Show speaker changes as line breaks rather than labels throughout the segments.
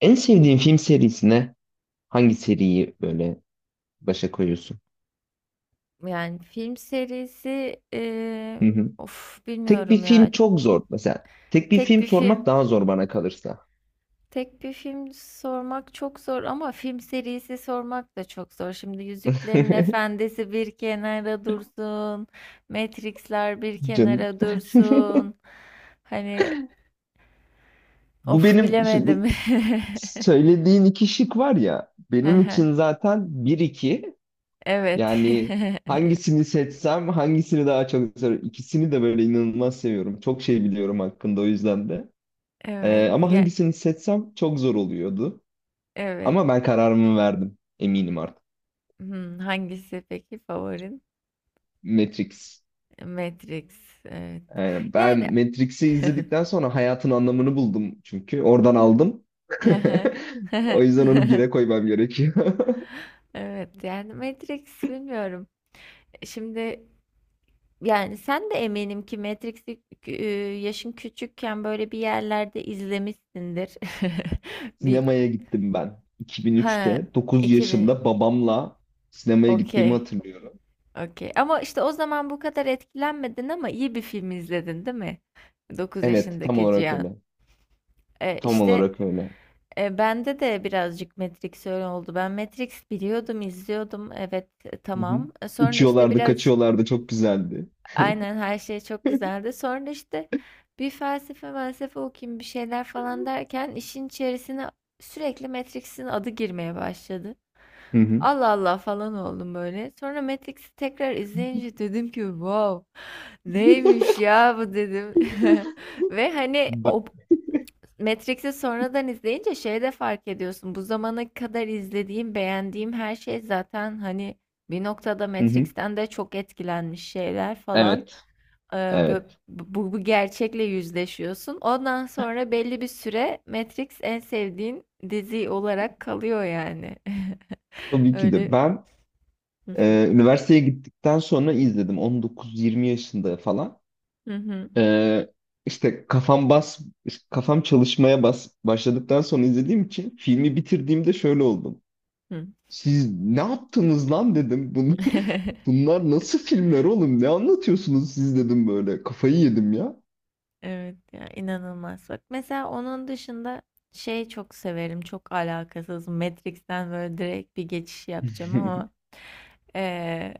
En sevdiğin film serisine hangi seriyi böyle başa koyuyorsun?
Yani film serisi
Hı hı.
of
Tek bir
bilmiyorum ya.
film çok zor. Mesela tek bir
Tek
film
bir
sormak
film.
daha zor bana kalırsa.
Tek bir film sormak çok zor ama film serisi sormak da çok zor. Şimdi Yüzüklerin Efendisi bir kenara dursun. Matrix'ler bir
Canım.
kenara dursun. Hani
Bu
of
benim şimdi bu
bilemedim.
söylediğin iki şık var ya benim
Aha,
için zaten bir iki
evet.
yani hangisini seçsem hangisini daha çok seviyorum. İkisini de böyle inanılmaz seviyorum. Çok şey biliyorum hakkında o yüzden de.
Evet.
Ama
Ya,
hangisini seçsem çok zor oluyordu.
evet.
Ama ben kararımı verdim. Eminim artık.
Hmm, hangisi peki favorin?
Matrix.
Matrix. Evet.
Yani
Yani
ben Matrix'i izledikten sonra hayatın anlamını buldum çünkü. Oradan aldım.
hı hı.
O yüzden onu bire koymam gerekiyor.
Evet yani Matrix bilmiyorum. Şimdi yani sen de eminim ki Matrix'i e, yaşın küçükken böyle bir yerlerde izlemişsindir. Bir
Sinemaya gittim ben.
ha
2003'te 9
2000
yaşımda babamla sinemaya gittiğimi
okey,
hatırlıyorum.
okey. Ama işte o zaman bu kadar etkilenmedin ama iyi bir film izledin değil mi? 9
Evet, tam
yaşındaki
olarak
Cihan.
öyle.
E,
Tam
işte
olarak öyle.
Bende de birazcık Matrix öyle oldu. Ben Matrix biliyordum, izliyordum. Evet,
Hı hı.
tamam. Sonra işte
Uçuyorlardı,
birazcık
kaçıyorlardı. Çok güzeldi.
aynen her şey çok güzeldi. Sonra işte bir felsefe okuyayım bir şeyler falan derken işin içerisine sürekli Matrix'in adı girmeye başladı.
Hı hı.
Allah Allah falan oldum böyle. Sonra Matrix'i tekrar izleyince dedim ki wow neymiş ya bu dedim. Ve hani
Ben-
o, Matrix'i sonradan izleyince şey de fark ediyorsun. Bu zamana kadar izlediğim, beğendiğim her şey zaten hani bir noktada
Hı hı.
Matrix'ten de çok etkilenmiş şeyler falan.
Evet, evet.
Bu gerçekle yüzleşiyorsun. Ondan sonra belli bir süre Matrix en sevdiğin dizi olarak kalıyor yani.
Tabii ki de
Öyle.
ben
Hı hı.
üniversiteye gittikten sonra izledim. 19-20 yaşında falan.
Hı hı.
Ee, işte kafam çalışmaya başladıktan sonra izlediğim için filmi bitirdiğimde şöyle oldum.
Hı.
Siz ne yaptınız lan dedim. Bunu, bunlar nasıl filmler oğlum? Ne anlatıyorsunuz siz dedim böyle. Kafayı yedim ya.
Evet ya inanılmaz. Bak mesela onun dışında şey çok severim. Çok alakasız. Matrix'ten böyle direkt bir geçiş yapacağım ama eee,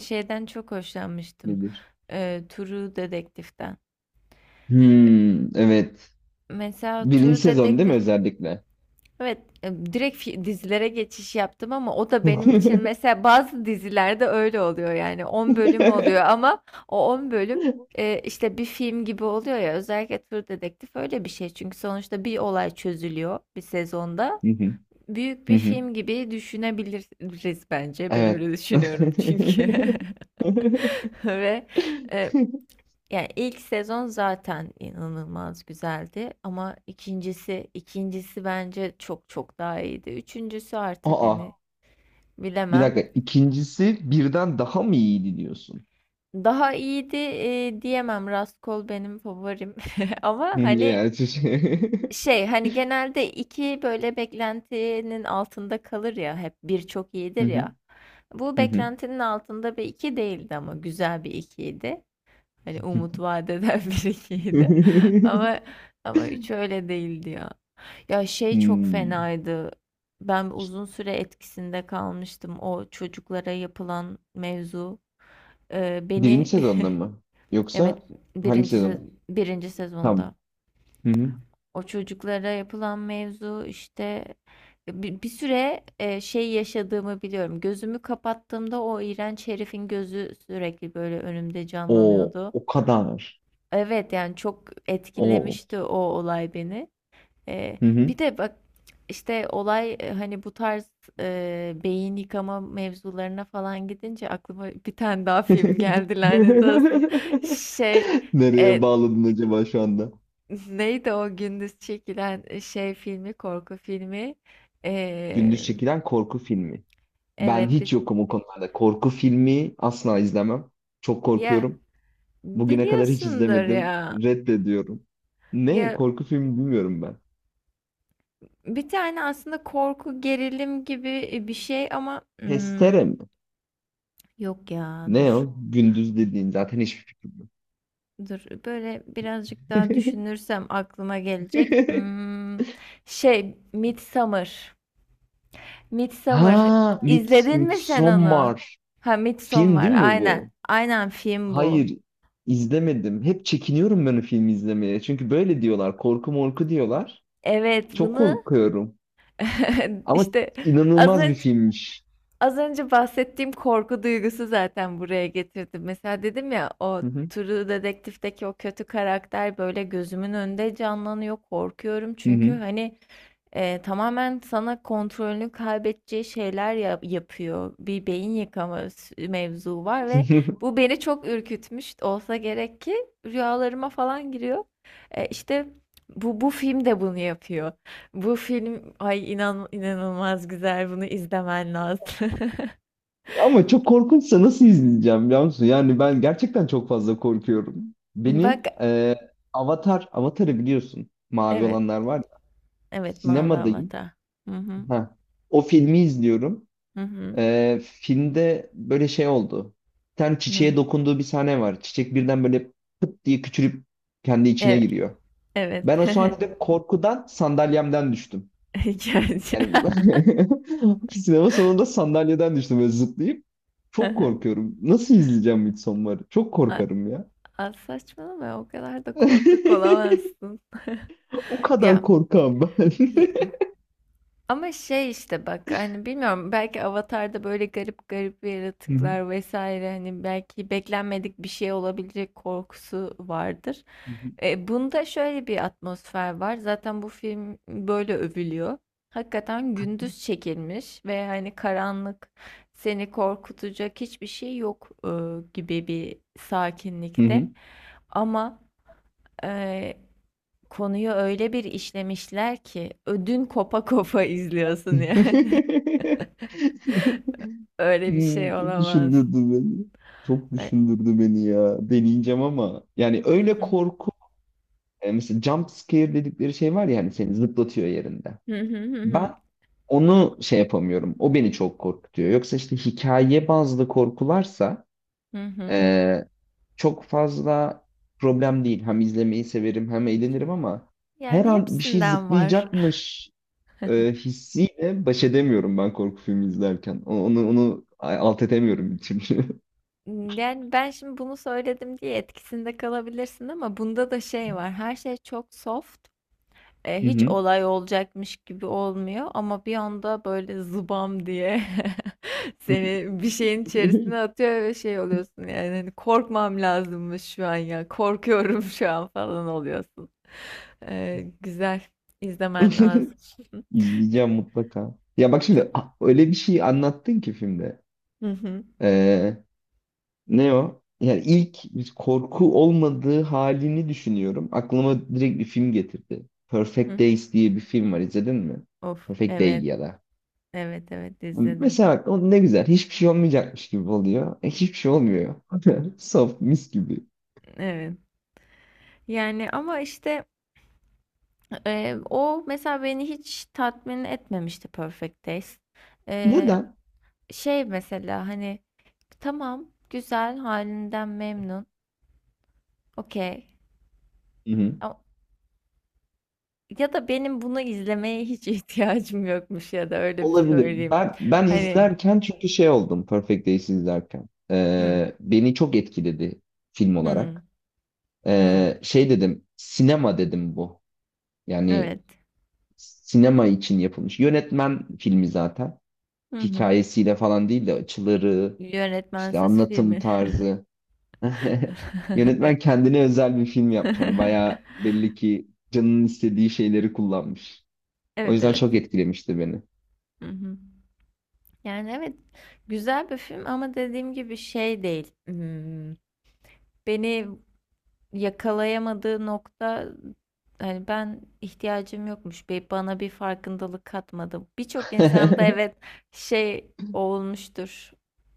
şeyden çok hoşlanmıştım.
Nedir?
True Detective'den.
Hmm, evet.
Mesela True
Birinci sezon değil mi
Detective
özellikle?
evet, direkt dizilere geçiş yaptım ama o da benim için
Hı
mesela bazı dizilerde öyle oluyor yani 10 bölüm oluyor ama o 10 bölüm işte bir film gibi oluyor ya, özellikle True Detective öyle bir şey çünkü sonuçta bir olay çözülüyor bir sezonda.
hı,
Büyük
hı
bir
hı.
film gibi düşünebiliriz bence. Ben
Evet.
öyle düşünüyorum çünkü. Ve e, yani ilk sezon zaten inanılmaz güzeldi ama ikincisi bence çok çok daha iyiydi. Üçüncüsü artık
Aa,
hani
bir
bilemem.
dakika. İkincisi birden daha mı iyiydi diyorsun?
Daha iyiydi diyemem. Raskol benim favorim. Ama hani
Yani şey-
şey hani genelde iki böyle beklentinin altında kalır ya, hep bir çok
Hı
iyidir
hı.
ya. Bu
Hı hı.
beklentinin altında bir iki değildi ama güzel bir ikiydi. Hani umut vaat eden bir ikiydi. Ama ama üç öyle değildi ya. Ya şey çok
Hmm.
fenaydı. Ben uzun süre etkisinde kalmıştım o çocuklara yapılan mevzu.
Birinci
Beni
sezonda mı?
evet
Yoksa hangi sezon?
birinci
Tamam.
sezonda
Hı hı.
o çocuklara yapılan mevzu işte bir süre şey yaşadığımı biliyorum. Gözümü kapattığımda o iğrenç herifin gözü sürekli böyle önümde
O
canlanıyordu.
o kadar.
Evet yani çok
O.
etkilemişti o olay beni. Ee,
Hı hı.
bir de bak işte olay hani bu tarz beyin yıkama mevzularına falan gidince aklıma bir tane daha film geldi, lanet olsun. Şey
Nereye
e,
bağladın acaba şu anda?
neydi o gündüz çekilen şey filmi korku filmi.
Gündüz
Ee,
çekilen korku filmi. Ben
evet bir,
hiç yokum o konularda. Korku filmi asla izlemem. Çok
ya
korkuyorum. Bugüne kadar hiç
biliyorsundur
izlemedim.
ya.
Reddediyorum. Ne?
Ya
Korku filmi bilmiyorum ben.
bir tane aslında korku gerilim gibi bir şey ama hmm,
Testere mi?
yok ya
Ne
dur.
o? Gündüz dediğin zaten hiçbir fikrim yok.
Dur böyle birazcık daha düşünürsem aklıma gelecek. Hmm, şey Midsummer. Midsummer.
Ha,
İzledin mi sen onu?
Midsommar.
Ha
Film
Midsommar
değil mi bu?
aynen. Aynen film bu.
Hayır, izlemedim. Hep çekiniyorum ben o filmi izlemeye. Çünkü böyle diyorlar, korku morku diyorlar.
Evet
Çok
bunu
korkuyorum. Ama
işte az
inanılmaz bir
önce
filmmiş.
az önce bahsettiğim korku duygusu zaten buraya getirdim. Mesela dedim ya o
Hı hı.
True Detective'deki o kötü karakter böyle gözümün önünde canlanıyor. Korkuyorum
Hı
çünkü
hı.
hani tamamen sana kontrolünü kaybedeceği şeyler yapıyor. Bir beyin yıkama mevzu var ve bu beni çok ürkütmüş olsa gerek ki rüyalarıma falan giriyor. İşte bu film de bunu yapıyor. Bu film ay inan inanılmaz güzel. Bunu izlemen lazım.
Ama çok korkunçsa nasıl izleyeceğim biliyor musun? Yani ben gerçekten çok fazla korkuyorum.
Bak
Avatar, Avatar'ı biliyorsun. Mavi
evet.
olanlar var ya.
Evet Mavi
Sinemadayım.
Avatar. Hı hı.
Ha. O filmi izliyorum.
Hı hı.
Filmde böyle şey oldu. Bir tane
No.
çiçeğe dokunduğu bir sahne var. Çiçek birden böyle pıt diye küçülüp kendi içine
Evet.
giriyor.
Evet.
Ben o sahnede korkudan sandalyemden düştüm.
Gerçi.
Yani sinema sonunda sandalyeden düştüm böyle zıplayıp. Çok korkuyorum. Nasıl izleyeceğim Midsommar'ı? Çok
A-
korkarım ya.
saçmalama o kadar da korkak olamazsın.
O kadar
Ya
korkam ben.
ama şey işte bak hani bilmiyorum belki Avatar'da böyle garip garip
Hı hı.
yaratıklar vesaire hani belki beklenmedik bir şey olabilecek korkusu vardır. Bunda şöyle bir atmosfer var. Zaten bu film böyle övülüyor. Hakikaten gündüz çekilmiş ve hani karanlık seni korkutacak hiçbir şey yok gibi bir
Hı hı.
sakinlikte. Ama konuyu öyle bir işlemişler ki ödün kopa kopa izliyorsun yani. Öyle bir
Hmm,
şey
çok
olamaz.
düşündürdü beni. Çok
Ben...
düşündürdü beni ya. Deneyeceğim ama. Yani
Hı
öyle
hı.
korku. Mesela jump scare dedikleri şey var ya hani seni zıplatıyor yerinde.
Hı hı hı
Ben
hı.
Onu şey yapamıyorum. O beni çok korkutuyor. Yoksa işte hikaye bazlı korkularsa
Hı hı.
eee, çok fazla problem değil. Hem izlemeyi severim hem eğlenirim ama her
Yani
an bir şey
hepsinden var.
zıplayacakmış hissiyle baş edemiyorum ben korku filmi izlerken. Onu alt edemiyorum bir türlü.
Yani ben şimdi bunu söyledim diye etkisinde kalabilirsin ama bunda da şey var. Her şey çok soft,
Hı
hiç
hı.
olay olacakmış gibi olmuyor ama bir anda böyle zıbam diye seni bir şeyin içerisine atıyor ve şey oluyorsun yani hani korkmam lazımmış şu an ya korkuyorum şu an falan oluyorsun. Güzel izlemen lazım. Ne-
İzleyeceğim mutlaka. Ya bak şimdi
çok...
öyle bir şey anlattın ki filmde.
Hı hı.
Ne o? Yani ilk bir korku olmadığı halini düşünüyorum. Aklıma direkt bir film getirdi. Perfect
Hı.
Days diye bir film var. İzledin mi?
Of
Perfect Day
evet,
ya da.
evet, evet, izledim.
Mesela aklıma ne güzel. Hiçbir şey olmayacakmış gibi oluyor. E, hiçbir şey olmuyor. Soft mis gibi.
Evet. Yani ama işte o mesela beni hiç tatmin etmemişti Perfect Days. E,
Neden?
şey mesela hani tamam güzel halinden memnun okey
Hı hı.
A- ya da benim bunu izlemeye hiç ihtiyacım yokmuş, ya da öyle bir
Olabilir.
söyleyeyim
Ben
hani
izlerken çünkü şey oldum Perfect Days izlerken.
hı
Beni çok etkiledi film
hı
olarak.
hı
Şey dedim, sinema dedim bu. Yani
evet
sinema için yapılmış. Yönetmen filmi zaten.
hı hı
Hikayesiyle falan değil de açıları, işte
yönetmensiz
anlatım
filmi
tarzı. Yönetmen kendine özel bir film yapmış. Hani bayağı belli ki canının istediği şeyleri kullanmış. O
evet
yüzden
evet
çok etkilemişti beni.
hı hı. Yani evet güzel bir film ama dediğim gibi şey değil. Hmm, beni yakalayamadığı nokta hani ben ihtiyacım yokmuş. Bana bir farkındalık katmadı. Birçok insanda evet şey olmuştur.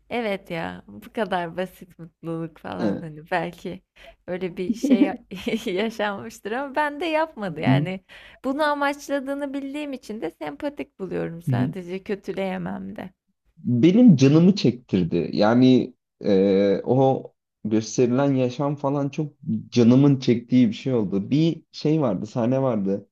Evet ya bu kadar basit mutluluk falan
Evet.
hani belki öyle bir şey yaşanmıştır ama ben de yapmadı
Hı
yani bunu amaçladığını bildiğim için de sempatik buluyorum,
hı.
sadece kötüleyemem de.
Benim canımı çektirdi. Yani o gösterilen yaşam falan çok canımın çektiği bir şey oldu. Bir şey vardı, sahne vardı.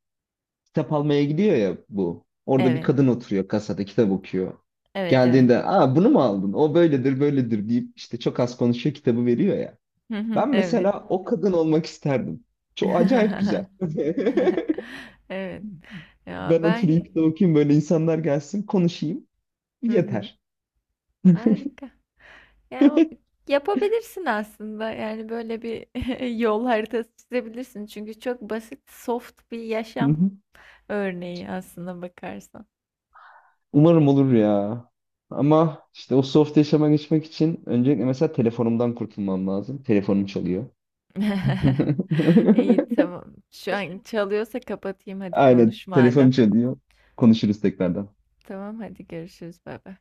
Kitap almaya gidiyor ya bu. Orada bir
Evet,
kadın oturuyor kasada kitap okuyor.
evet, evet.
Geldiğinde aa, bunu mu aldın? O böyledir böyledir deyip işte çok az konuşuyor kitabı veriyor ya.
Hı hı,
Ben
evet.
mesela o kadın olmak isterdim. Çok acayip güzel.
Evet. Ya
Ben oturayım
ben
kitap okuyayım böyle insanlar gelsin konuşayım.
hı hı.
Yeter.
Harika. Yani yapabilirsin aslında. Yani böyle bir yol haritası çizebilirsin. Çünkü çok basit, soft bir
Hı
yaşam
hı.
örneği aslında bakarsan.
Umarım olur ya. Ama işte o soft yaşama geçmek için öncelikle mesela telefonumdan kurtulmam lazım. Telefonum çalıyor.
İyi, tamam. Şu an çalıyorsa kapatayım, hadi
Aynen
konuş
telefonum
madem.
çalıyor. Konuşuruz tekrardan.
Tamam hadi görüşürüz. Bay bay.